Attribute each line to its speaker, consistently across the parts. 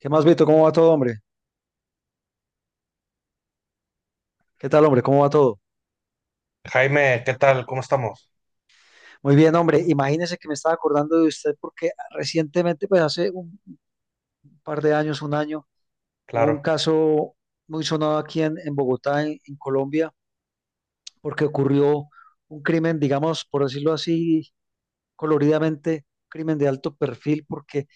Speaker 1: ¿Qué más, Vito? ¿Cómo va todo, hombre? ¿Qué tal, hombre? ¿Cómo va todo?
Speaker 2: Jaime, ¿qué tal? ¿Cómo estamos?
Speaker 1: Muy bien, hombre. Imagínese que me estaba acordando de usted porque recientemente, pues hace un par de años, un año, hubo un
Speaker 2: Claro.
Speaker 1: caso muy sonado aquí en Bogotá, en Colombia, porque ocurrió un crimen, digamos, por decirlo así, coloridamente, crimen de alto perfil, porque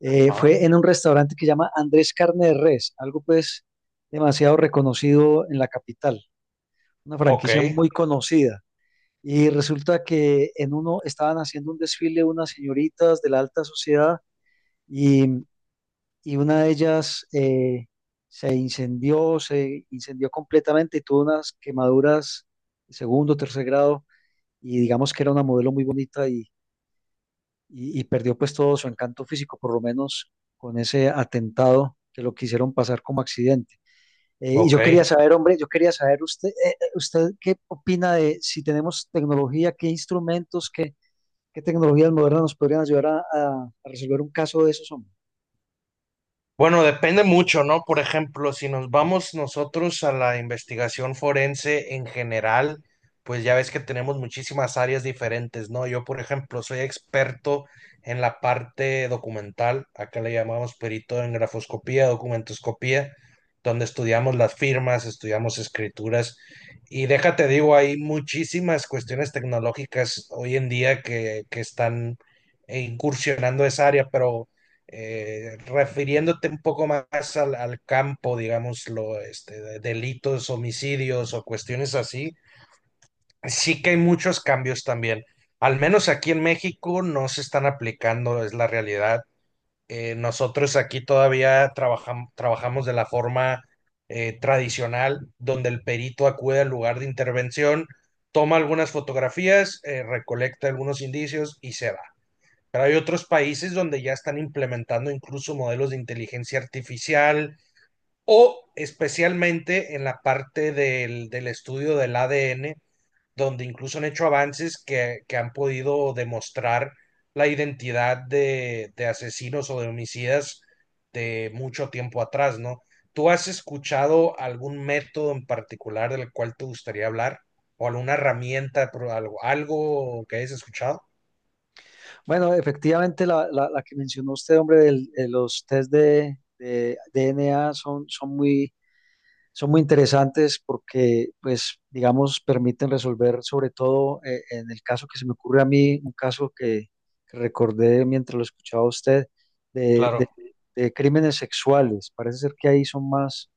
Speaker 2: Ah,
Speaker 1: fue en un restaurante que llama Andrés Carne de Res, algo pues demasiado reconocido en la capital, una
Speaker 2: ok,
Speaker 1: franquicia muy conocida. Y resulta que en uno estaban haciendo un desfile unas señoritas de la alta sociedad y, y una de ellas se incendió completamente y tuvo unas quemaduras de segundo, tercer grado y digamos que era una modelo muy bonita y, y perdió pues todo su encanto físico, por lo menos con ese atentado que lo quisieron pasar como accidente. Y
Speaker 2: ok.
Speaker 1: yo quería saber, hombre, yo quería saber usted, usted qué opina de si tenemos tecnología, qué instrumentos, qué, ¿qué tecnologías modernas nos podrían ayudar a, a resolver un caso de esos, hombre?
Speaker 2: Bueno, depende mucho, ¿no? Por ejemplo, si nos vamos nosotros a la investigación forense en general, pues ya ves que tenemos muchísimas áreas diferentes, ¿no? Yo, por ejemplo, soy experto en la parte documental, acá le llamamos perito en grafoscopía, documentoscopía, donde estudiamos las firmas, estudiamos escrituras y déjate digo, hay muchísimas cuestiones tecnológicas hoy en día que están incursionando esa área, pero refiriéndote un poco más al campo, digámoslo, este, de delitos, homicidios o cuestiones así, sí que hay muchos cambios también. Al menos aquí en México no se están aplicando, es la realidad. Nosotros aquí todavía trabajamos de la forma tradicional, donde el perito acude al lugar de intervención, toma algunas fotografías, recolecta algunos indicios y se va. Pero hay otros países donde ya están implementando incluso modelos de inteligencia artificial o especialmente en la parte del estudio del ADN, donde incluso han hecho avances que han podido demostrar la identidad de asesinos o de homicidas de mucho tiempo atrás, ¿no? ¿Tú has escuchado algún método en particular del cual te gustaría hablar? ¿O alguna herramienta, algo que hayas escuchado?
Speaker 1: Bueno, efectivamente, la, la que mencionó usted, hombre, del- de los test de DNA son, son muy interesantes porque, pues, digamos, permiten resolver, sobre todo en el caso que se me ocurre a mí, un caso que recordé mientras lo escuchaba a usted, de, de-
Speaker 2: Claro.
Speaker 1: de crímenes sexuales. Parece ser que ahí son más,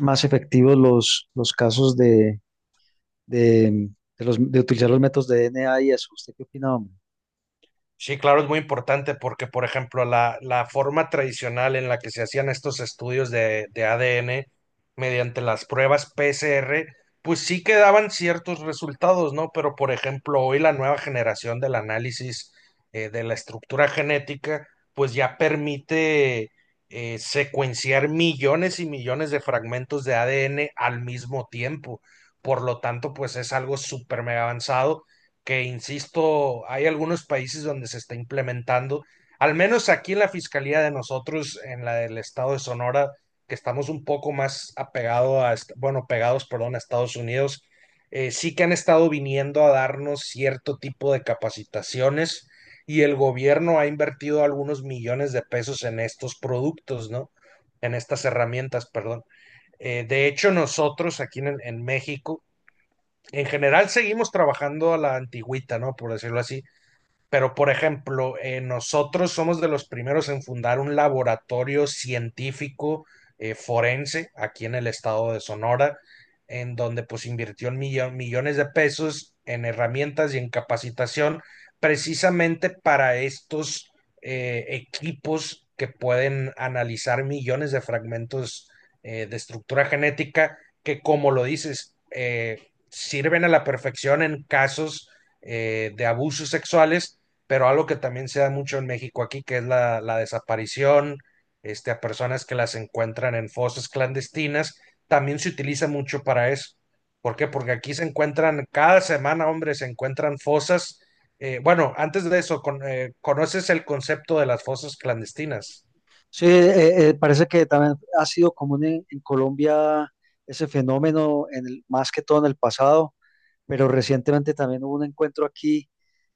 Speaker 1: más efectivos los casos de, de utilizar los métodos de DNA y eso. ¿Usted qué opina, hombre?
Speaker 2: Sí, claro, es muy importante porque, por ejemplo, la forma tradicional en la que se hacían estos estudios de ADN mediante las pruebas PCR, pues sí que daban ciertos resultados, ¿no? Pero, por ejemplo, hoy la nueva generación del análisis de la estructura genética, pues ya permite secuenciar millones y millones de fragmentos de ADN al mismo tiempo. Por lo tanto, pues es algo súper mega avanzado que, insisto, hay algunos países donde se está implementando, al menos aquí en la Fiscalía de nosotros, en la del Estado de Sonora, que estamos un poco más apegado a, bueno, pegados, perdón, a Estados Unidos. Sí que han estado viniendo a darnos cierto tipo de capacitaciones y el gobierno ha invertido algunos millones de pesos en estos productos, ¿no? En estas herramientas, perdón. De hecho, nosotros aquí en México, en general seguimos trabajando a la antigüita, ¿no? Por decirlo así. Pero, por ejemplo, nosotros somos de los primeros en fundar un laboratorio científico forense aquí en el estado de Sonora, en donde pues invirtió millones de pesos en herramientas y en capacitación precisamente para estos equipos que pueden analizar millones de fragmentos de estructura genética que, como lo dices, sirven a la perfección en casos de abusos sexuales, pero algo que también se da mucho en México aquí, que es la desaparición, este, a personas que las encuentran en fosas clandestinas, también se utiliza mucho para eso. ¿Por qué? Porque aquí se encuentran, cada semana, hombre, se encuentran fosas. Bueno, antes de eso, ¿conoces el concepto de las fosas clandestinas?
Speaker 1: Sí, parece que también ha sido común en Colombia ese fenómeno, en el- más que todo en el pasado, pero recientemente también hubo un encuentro aquí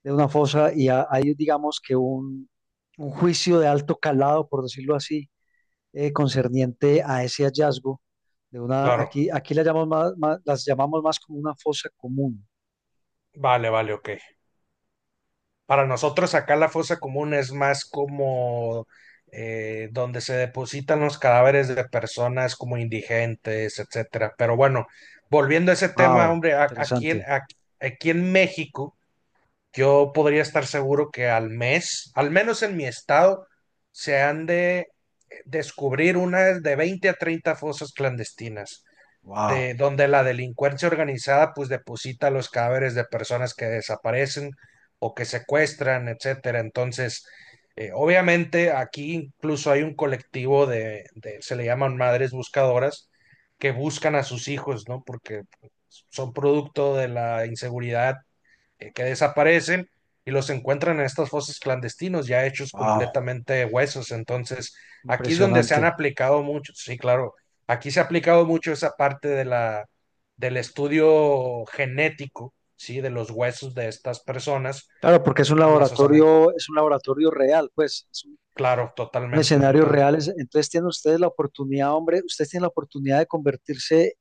Speaker 1: de una fosa y ha- hay, digamos que un juicio de alto calado, por decirlo así, concerniente a ese hallazgo de una,
Speaker 2: Claro.
Speaker 1: aquí, aquí la llamamos más- más- las llamamos más como una fosa común.
Speaker 2: Vale, vale, ok. Para nosotros acá la fosa común es más como donde se depositan los cadáveres de personas como indigentes, etcétera. Pero bueno, volviendo a ese tema,
Speaker 1: Wow,
Speaker 2: hombre,
Speaker 1: interesante.
Speaker 2: aquí en México, yo podría estar seguro que al mes, al menos en mi estado, se han de descubrir unas de 20 a 30 fosas clandestinas
Speaker 1: Wow,
Speaker 2: de donde la delincuencia organizada pues deposita los cadáveres de personas que desaparecen o que secuestran, etcétera. Entonces, obviamente aquí incluso hay un colectivo se le llaman madres buscadoras, que buscan a sus hijos, ¿no? Porque son producto de la inseguridad que desaparecen y los encuentran en estas fosas clandestinos, ya hechos
Speaker 1: wow.
Speaker 2: completamente de huesos. Entonces, aquí es donde se
Speaker 1: Impresionante.
Speaker 2: han aplicado mucho, sí, claro, aquí se ha aplicado mucho esa parte del estudio genético, sí, de los huesos de estas personas,
Speaker 1: Claro, porque
Speaker 2: no las osamentas.
Speaker 1: es un laboratorio real, pues, es
Speaker 2: Claro,
Speaker 1: un
Speaker 2: totalmente.
Speaker 1: escenario
Speaker 2: Entonces,
Speaker 1: real. Es- entonces tienen ustedes la oportunidad, hombre, ustedes tienen la oportunidad de convertirse,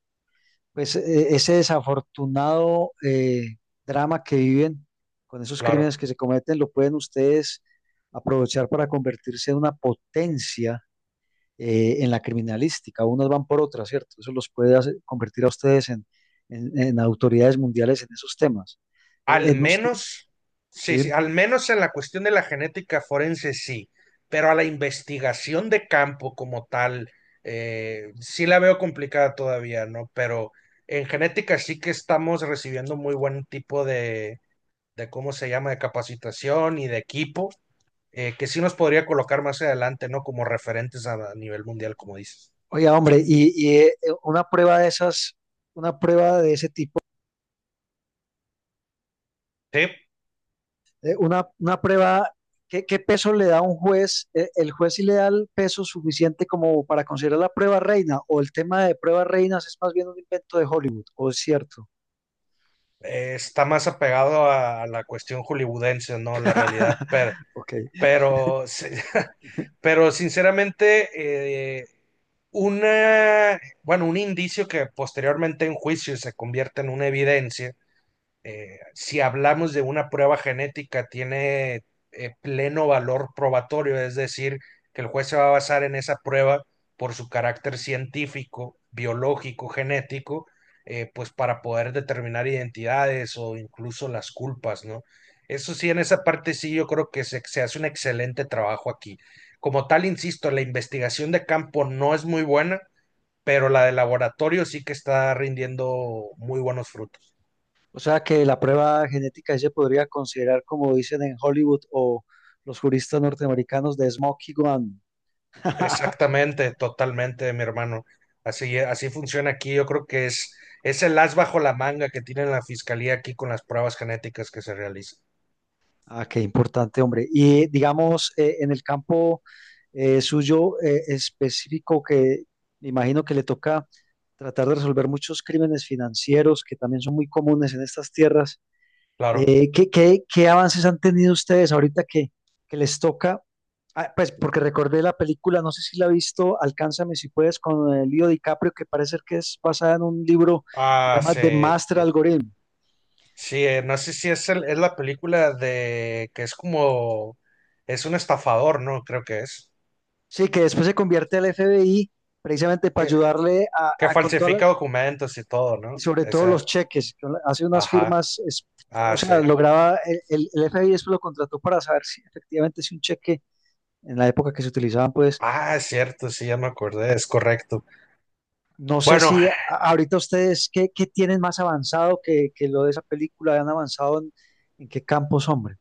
Speaker 1: pues, e- ese desafortunado drama que viven con esos crímenes
Speaker 2: claro.
Speaker 1: que se cometen, lo pueden ustedes aprovechar para convertirse en una potencia en la criminalística. Unas van por otras, ¿cierto? Eso los puede hacer- convertir a ustedes en autoridades mundiales en esos temas.
Speaker 2: Al
Speaker 1: No- sé.
Speaker 2: menos, sí, sí,
Speaker 1: Sí.
Speaker 2: al menos en la cuestión de la genética forense sí, pero a la investigación de campo como tal, sí la veo complicada todavía, ¿no? Pero en genética sí que estamos recibiendo muy buen tipo de ¿cómo se llama?, de capacitación y de equipo, que sí nos podría colocar más adelante, ¿no? Como referentes a nivel mundial, como dices.
Speaker 1: Oiga, hombre, una prueba de esas, una prueba de ese tipo,
Speaker 2: Sí,
Speaker 1: una prueba, ¿qué, qué peso le da un juez? ¿El juez sí le da el peso suficiente como para considerar la prueba reina? ¿O el tema de pruebas reinas es más bien un invento de Hollywood? ¿O es cierto?
Speaker 2: está más apegado a la cuestión hollywoodense, ¿no? La realidad. pero
Speaker 1: Ok.
Speaker 2: Pero, sí, pero sinceramente, bueno, un indicio que posteriormente en juicio se convierte en una evidencia, si hablamos de una prueba genética, tiene pleno valor probatorio, es decir, que el juez se va a basar en esa prueba por su carácter científico, biológico, genético, pues para poder determinar identidades o incluso las culpas, ¿no? Eso sí, en esa parte sí yo creo que se hace un excelente trabajo aquí. Como tal, insisto, la investigación de campo no es muy buena, pero la de laboratorio sí que está rindiendo muy buenos frutos.
Speaker 1: O sea que la prueba genética sí se podría considerar, como dicen en Hollywood o los juristas norteamericanos, de Smoky Gun.
Speaker 2: Exactamente, totalmente, mi hermano. Así, así funciona aquí. Yo creo que es el as bajo la manga que tiene la fiscalía aquí con las pruebas genéticas que se realizan.
Speaker 1: Ah, qué importante, hombre. Y digamos, en el campo suyo específico, que me imagino que le toca tratar de resolver muchos crímenes financieros que también son muy comunes en estas tierras,
Speaker 2: Claro.
Speaker 1: ¿qué, qué- qué avances han tenido ustedes ahorita que les toca? Ah, pues porque recordé la película, no sé si la ha visto, Alcánzame si puedes, con el Leo DiCaprio, que parece ser que es basada en un libro, se
Speaker 2: Ah,
Speaker 1: llama The
Speaker 2: sí.
Speaker 1: Master Algorithm.
Speaker 2: Sí, no sé si es la película de que es como, es un estafador, ¿no? Creo que es.
Speaker 1: Sí, que después se convierte al FBI precisamente para
Speaker 2: Que,
Speaker 1: ayudarle
Speaker 2: que
Speaker 1: a con todas la-
Speaker 2: falsifica documentos y todo,
Speaker 1: y
Speaker 2: ¿no?
Speaker 1: sobre todo
Speaker 2: Esa,
Speaker 1: los cheques, que hace unas
Speaker 2: ajá.
Speaker 1: firmas, es- o
Speaker 2: Ah, sí.
Speaker 1: sea, lograba, el, el FBI después lo contrató para saber si efectivamente si un cheque en la época que se utilizaban, pues,
Speaker 2: Ah, es cierto, sí, ya me acordé, es correcto.
Speaker 1: no sé
Speaker 2: Bueno,
Speaker 1: si a- ahorita ustedes, ¿qué, qué tienen más avanzado que lo de esa película? ¿Han avanzado en qué campos, hombre?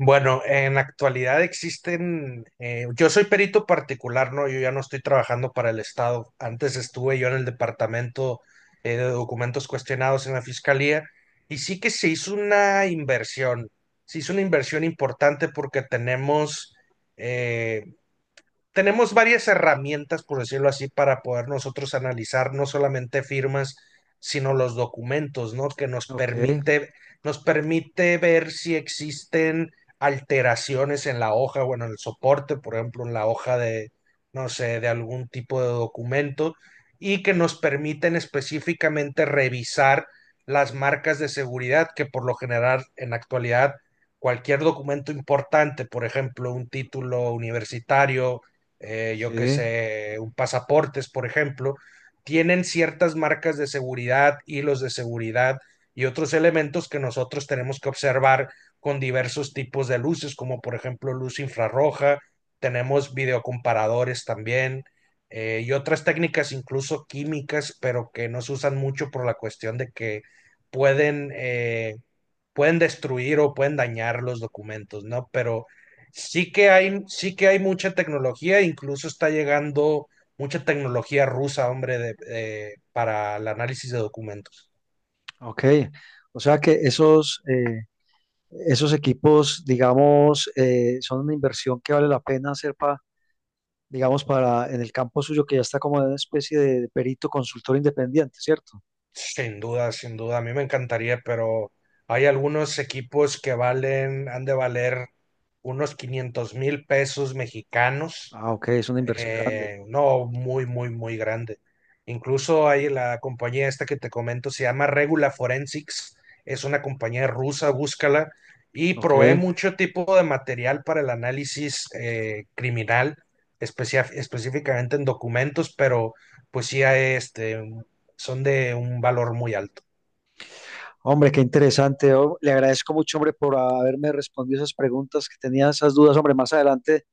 Speaker 2: Bueno, en la actualidad existen, yo soy perito particular, ¿no? Yo ya no estoy trabajando para el Estado. Antes estuve yo en el departamento de documentos cuestionados en la Fiscalía y sí que se hizo una inversión, se hizo una inversión importante porque eh, tenemos varias herramientas, por decirlo así, para poder nosotros analizar no solamente firmas, sino los documentos, ¿no? Que nos
Speaker 1: Ok,
Speaker 2: permite, nos permite ver si existen alteraciones en la hoja, bueno, en el soporte, por ejemplo, en la hoja de, no sé, de algún tipo de documento, y que nos permiten específicamente revisar las marcas de seguridad que por lo general en la actualidad cualquier documento importante, por ejemplo, un título universitario, yo qué
Speaker 1: sí,
Speaker 2: sé, un pasaportes, por ejemplo, tienen ciertas marcas de seguridad, hilos de seguridad y otros elementos que nosotros tenemos que observar con diversos tipos de luces, como por ejemplo luz infrarroja. Tenemos videocomparadores también y otras técnicas incluso químicas, pero que no se usan mucho por la cuestión de que pueden, eh, pueden destruir o pueden dañar los documentos, ¿no? Pero sí que hay mucha tecnología, incluso está llegando mucha tecnología rusa, hombre, para el análisis de documentos.
Speaker 1: ok. O sea que esos esos equipos, digamos, son una inversión que vale la pena hacer para, digamos, para en el campo suyo que ya está como en una especie de perito consultor independiente, ¿cierto?
Speaker 2: Sin duda, sin duda, a mí me encantaría, pero hay algunos equipos que han de valer unos 500 mil pesos mexicanos,
Speaker 1: Ah, ok, es una inversión grande.
Speaker 2: no muy, muy, muy grande. Incluso hay la compañía esta que te comento, se llama Regula Forensics, es una compañía rusa, búscala, y
Speaker 1: Ok,
Speaker 2: provee mucho tipo de material para el análisis criminal, específicamente en documentos, pero pues sí, hay, este, son de un valor muy alto.
Speaker 1: hombre, qué interesante. Oh, le agradezco mucho, hombre, por haberme respondido esas preguntas que tenía, esas dudas, hombre. Más adelante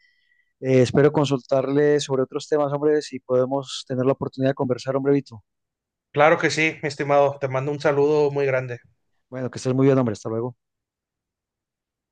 Speaker 1: espero consultarle sobre otros temas, hombre, si podemos tener la oportunidad de conversar, hombre, Vito.
Speaker 2: Claro que sí, mi estimado, te mando un saludo muy grande.
Speaker 1: Bueno, que estés muy bien, hombre. Hasta luego.